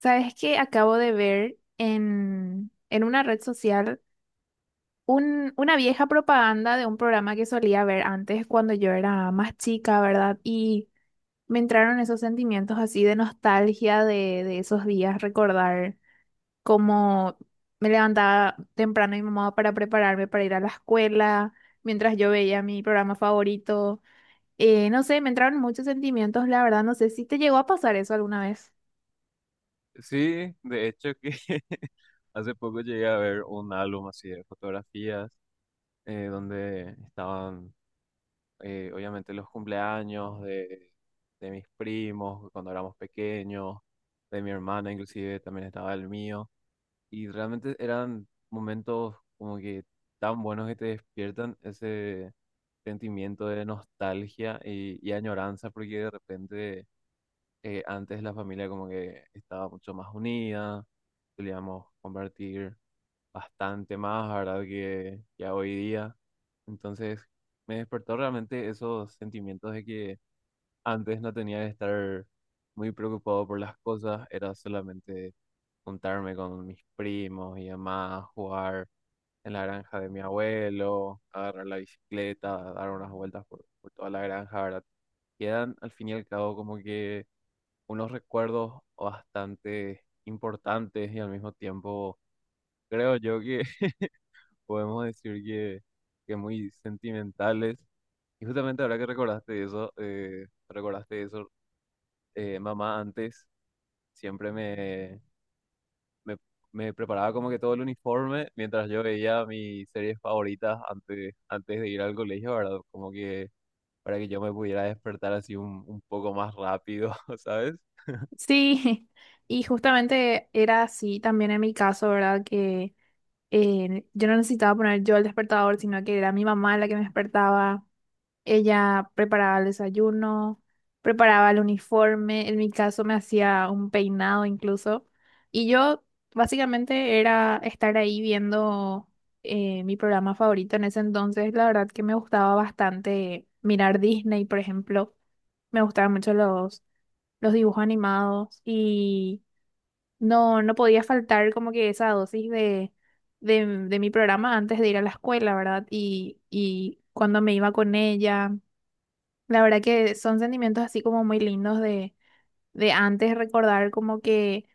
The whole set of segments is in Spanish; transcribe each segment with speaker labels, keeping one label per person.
Speaker 1: Sabes que acabo de ver en una red social una vieja propaganda de un programa que solía ver antes cuando yo era más chica, ¿verdad? Y me entraron esos sentimientos así de nostalgia de esos días, recordar cómo me levantaba temprano mi mamá para prepararme para ir a la escuela, mientras yo veía mi programa favorito. No sé, me entraron muchos sentimientos, la verdad, no sé si te llegó a pasar eso alguna vez.
Speaker 2: Sí, de hecho que hace poco llegué a ver un álbum así de fotografías, donde estaban, obviamente, los cumpleaños de mis primos cuando éramos pequeños, de mi hermana, inclusive también estaba el mío. Y realmente eran momentos como que tan buenos que te despiertan ese sentimiento de nostalgia y añoranza, porque de repente, antes la familia como que estaba mucho más unida, solíamos compartir bastante más, ¿verdad? Que ya hoy día. Entonces me despertó realmente esos sentimientos de que antes no tenía que estar muy preocupado por las cosas, era solamente juntarme con mis primos y demás, jugar en la granja de mi abuelo, agarrar la bicicleta, dar unas vueltas por toda la granja, ¿verdad? Y eran, al fin y al cabo, como que unos recuerdos bastante importantes, y al mismo tiempo creo yo que, podemos decir que muy sentimentales. Y justamente ahora que recordaste eso, mamá antes siempre me, me preparaba como que todo el uniforme mientras yo veía mis series favoritas antes de ir al colegio, ¿verdad? Como que para que yo me pudiera despertar así un poco más rápido, ¿sabes?
Speaker 1: Sí, y justamente era así también en mi caso, ¿verdad? Que yo no necesitaba poner yo el despertador, sino que era mi mamá la que me despertaba. Ella preparaba el desayuno, preparaba el uniforme, en mi caso me hacía un peinado incluso. Y yo básicamente era estar ahí viendo mi programa favorito en ese entonces. La verdad que me gustaba bastante mirar Disney, por ejemplo. Me gustaban mucho los dibujos animados y no podía faltar como que esa dosis de mi programa antes de ir a la escuela, ¿verdad? Y cuando me iba con ella, la verdad que son sentimientos así como muy lindos de antes recordar como que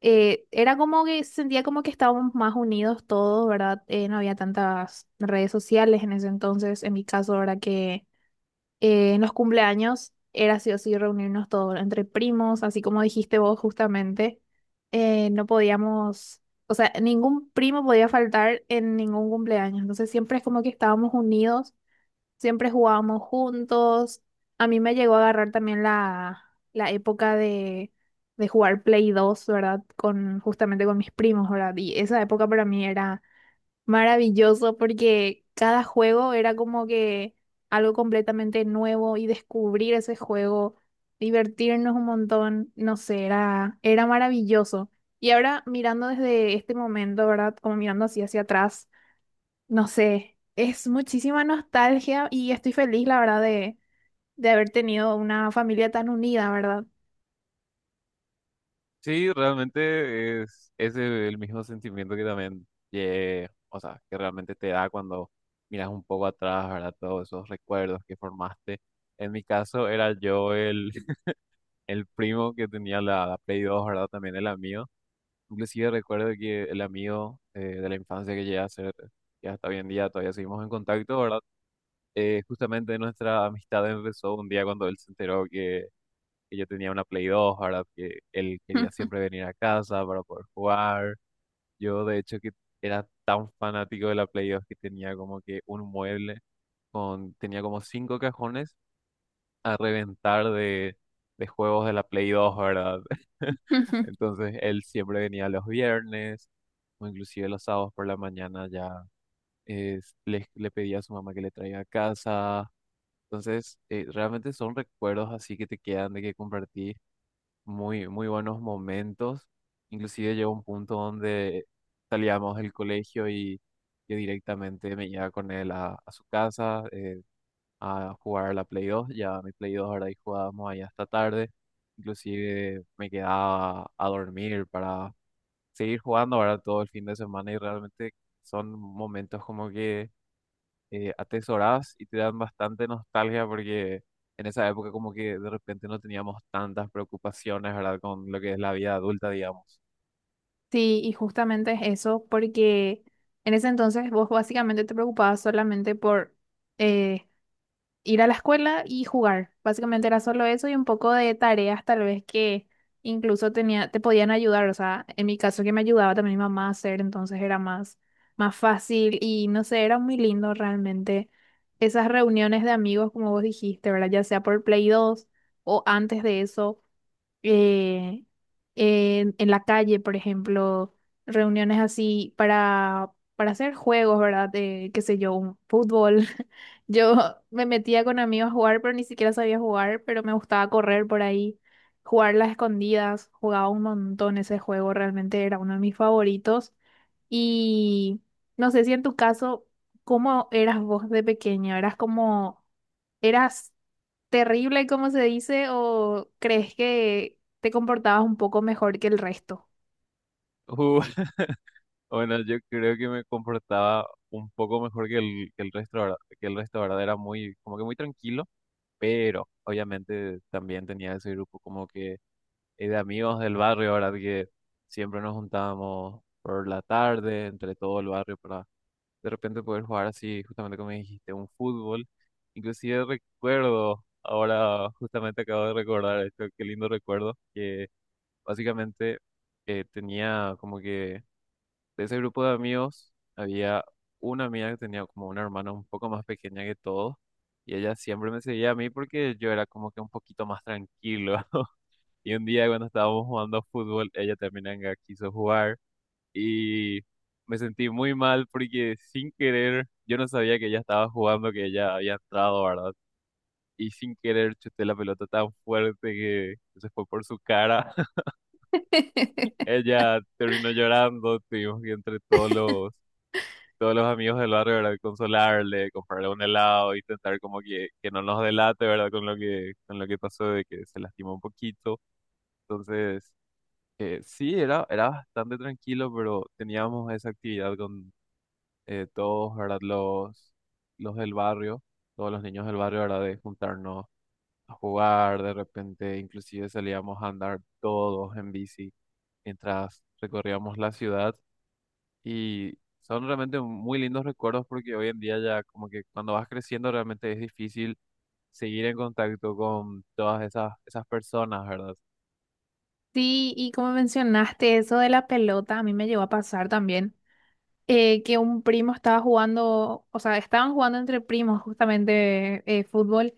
Speaker 1: era como que sentía como que estábamos más unidos todos, ¿verdad? No había tantas redes sociales en ese entonces, en mi caso, ¿verdad? Que en los cumpleaños era sí o sí reunirnos todos entre primos, así como dijiste vos justamente. No podíamos, o sea, ningún primo podía faltar en ningún cumpleaños. Entonces siempre es como que estábamos unidos, siempre jugábamos juntos. A mí me llegó a agarrar también la época de jugar Play 2, ¿verdad? Con, justamente con mis primos, ¿verdad? Y esa época para mí era maravilloso porque cada juego era como que algo completamente nuevo y descubrir ese juego, divertirnos un montón, no sé, era maravilloso. Y ahora mirando desde este momento, ¿verdad? Como mirando así hacia atrás, no sé, es muchísima nostalgia y estoy feliz, la verdad, de haber tenido una familia tan unida, ¿verdad?
Speaker 2: Sí, realmente es el mismo sentimiento que también llegué, o sea, que realmente te da cuando miras un poco atrás, ¿verdad? Todos esos recuerdos que formaste. En mi caso era yo el primo que tenía la Play 2, ¿verdad? También el amigo. Inclusive recuerdo que el amigo, de la infancia, que llega a ser, que hasta hoy en día todavía seguimos en contacto, ¿verdad? Justamente nuestra amistad empezó un día cuando él se enteró que yo tenía una Play dos, ¿verdad? Que él quería siempre venir a casa para poder jugar. Yo, de hecho, que era tan fanático de la Play 2 que tenía como que un mueble con, tenía como cinco cajones a reventar de juegos de la Play dos, ¿verdad? Entonces, él siempre venía los viernes o inclusive los sábados por la mañana ya le pedía a su mamá que le traiga a casa. Entonces, realmente son recuerdos así que te quedan, de que compartís muy, muy buenos momentos. Inclusive llegó un punto donde salíamos del colegio y yo directamente me iba con él a su casa, a jugar a la Play 2, ya mi Play 2 ahora, y jugábamos ahí hasta tarde. Inclusive me quedaba a dormir para seguir jugando ahora todo el fin de semana, y realmente son momentos como que, atesorás y te dan bastante nostalgia, porque en esa época como que de repente no teníamos tantas preocupaciones, ¿verdad? Con lo que es la vida adulta, digamos.
Speaker 1: Sí, y justamente es eso, porque en ese entonces vos básicamente te preocupabas solamente por eh, ir a la escuela y jugar. Básicamente era solo eso y un poco de tareas tal vez que incluso tenía, te podían ayudar. O sea, en mi caso que me ayudaba también mi mamá a hacer, entonces era más fácil y no sé, era muy lindo realmente esas reuniones de amigos, como vos dijiste, ¿verdad? Ya sea por Play 2 o antes de eso, eh, en la calle, por ejemplo, reuniones así para hacer juegos, ¿verdad? De, qué sé yo, un fútbol. Yo me metía con amigos a jugar, pero ni siquiera sabía jugar, pero me gustaba correr por ahí, jugar las escondidas, jugaba un montón ese juego, realmente era uno de mis favoritos. Y no sé si en tu caso, ¿cómo eras vos de pequeña? ¿Eras como... ¿Eras terrible, como se dice, o crees que te comportabas un poco mejor que el resto?
Speaker 2: Uh, bueno, yo creo que me comportaba un poco mejor que que el resto, ¿verdad? Que el resto, ¿verdad? Era muy, como que muy tranquilo, pero obviamente también tenía ese grupo como que, de amigos del barrio, ¿verdad? Que siempre nos juntábamos por la tarde entre todo el barrio para de repente poder jugar así, justamente como dijiste, un fútbol. Inclusive recuerdo, ahora justamente acabo de recordar esto, qué lindo recuerdo, que básicamente, tenía como que, de ese grupo de amigos, había una amiga que tenía como una hermana un poco más pequeña que todos, y ella siempre me seguía a mí porque yo era como que un poquito más tranquilo. Y un día cuando estábamos jugando fútbol, ella también anga quiso jugar, y me sentí muy mal porque sin querer, yo no sabía que ella estaba jugando, que ella había entrado, ¿verdad? Y sin querer chuté la pelota tan fuerte que se fue por su cara. Ella terminó llorando, tuvimos que, entre todos los amigos del barrio, ¿verdad? Consolarle, comprarle un helado, intentar como que no nos delate, ¿verdad? Con lo que pasó, de que se lastimó un poquito. Entonces, sí, era bastante tranquilo, pero teníamos esa actividad con, todos, ¿verdad? Los del barrio, todos los niños del barrio, ¿verdad? De juntarnos a jugar, de repente inclusive salíamos a andar todos en bici mientras recorríamos la ciudad, y son realmente muy lindos recuerdos, porque hoy en día ya, como que cuando vas creciendo, realmente es difícil seguir en contacto con todas esas personas, ¿verdad?
Speaker 1: Sí, y como mencionaste eso de la pelota, a mí me llegó a pasar también, que un primo estaba jugando, o sea, estaban jugando entre primos justamente fútbol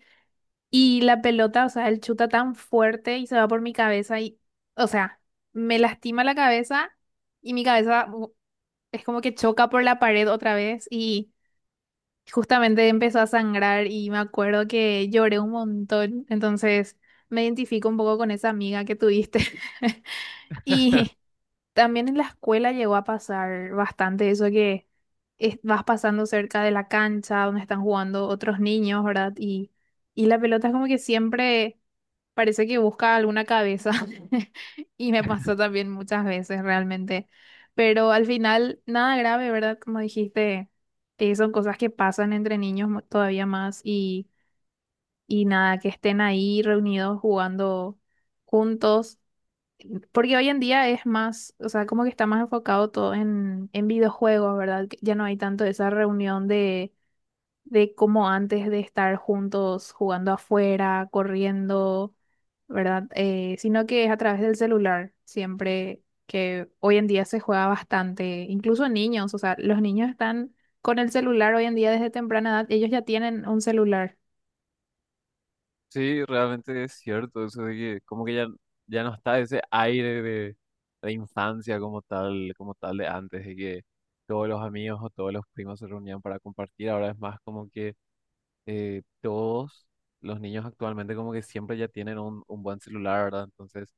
Speaker 1: y la pelota, o sea, él chuta tan fuerte y se va por mi cabeza y, o sea, me lastima la cabeza y mi es como que choca por la pared otra vez y justamente empezó a sangrar y me acuerdo que lloré un montón, entonces me identifico un poco con esa amiga que tuviste. Y también en la escuela llegó a pasar bastante eso que vas pasando cerca de la cancha donde están jugando otros niños, ¿verdad? Y la pelota es como que siempre parece que busca alguna cabeza. Y me pasó también muchas veces realmente. Pero al final, nada grave, ¿verdad? Como dijiste, son cosas que pasan entre niños todavía más y nada, que estén ahí reunidos jugando juntos. Porque hoy en día es más, o sea, como que está más enfocado todo en videojuegos, ¿verdad? Que ya no hay tanto esa reunión de cómo antes de estar juntos jugando afuera, corriendo, ¿verdad? Sino que es a través del celular, siempre que hoy en día se juega bastante, incluso niños, o sea, los niños están con el celular hoy en día desde temprana edad, ellos ya tienen un celular.
Speaker 2: Sí, realmente es cierto, eso de que como que ya no está ese aire de infancia como tal de antes, de que todos los amigos o todos los primos se reunían para compartir. Ahora es más como que, todos los niños actualmente, como que siempre ya tienen un buen celular, ¿verdad? Entonces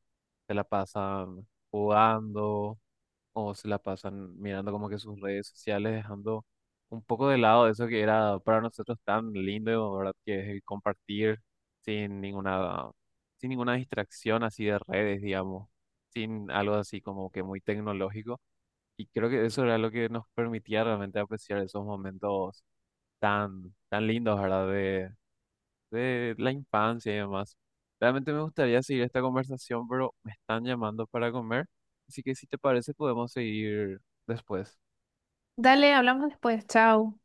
Speaker 2: se la pasan jugando, o se la pasan mirando como que sus redes sociales, dejando un poco de lado eso que era para nosotros tan lindo, ¿verdad? Que es el compartir sin ninguna, sin ninguna distracción así de redes, digamos, sin algo así como que muy tecnológico. Y creo que eso era lo que nos permitía realmente apreciar esos momentos tan, tan lindos, ¿verdad? De la infancia y demás. Realmente me gustaría seguir esta conversación, pero me están llamando para comer, así que si te parece podemos seguir después.
Speaker 1: Dale, hablamos después, chao.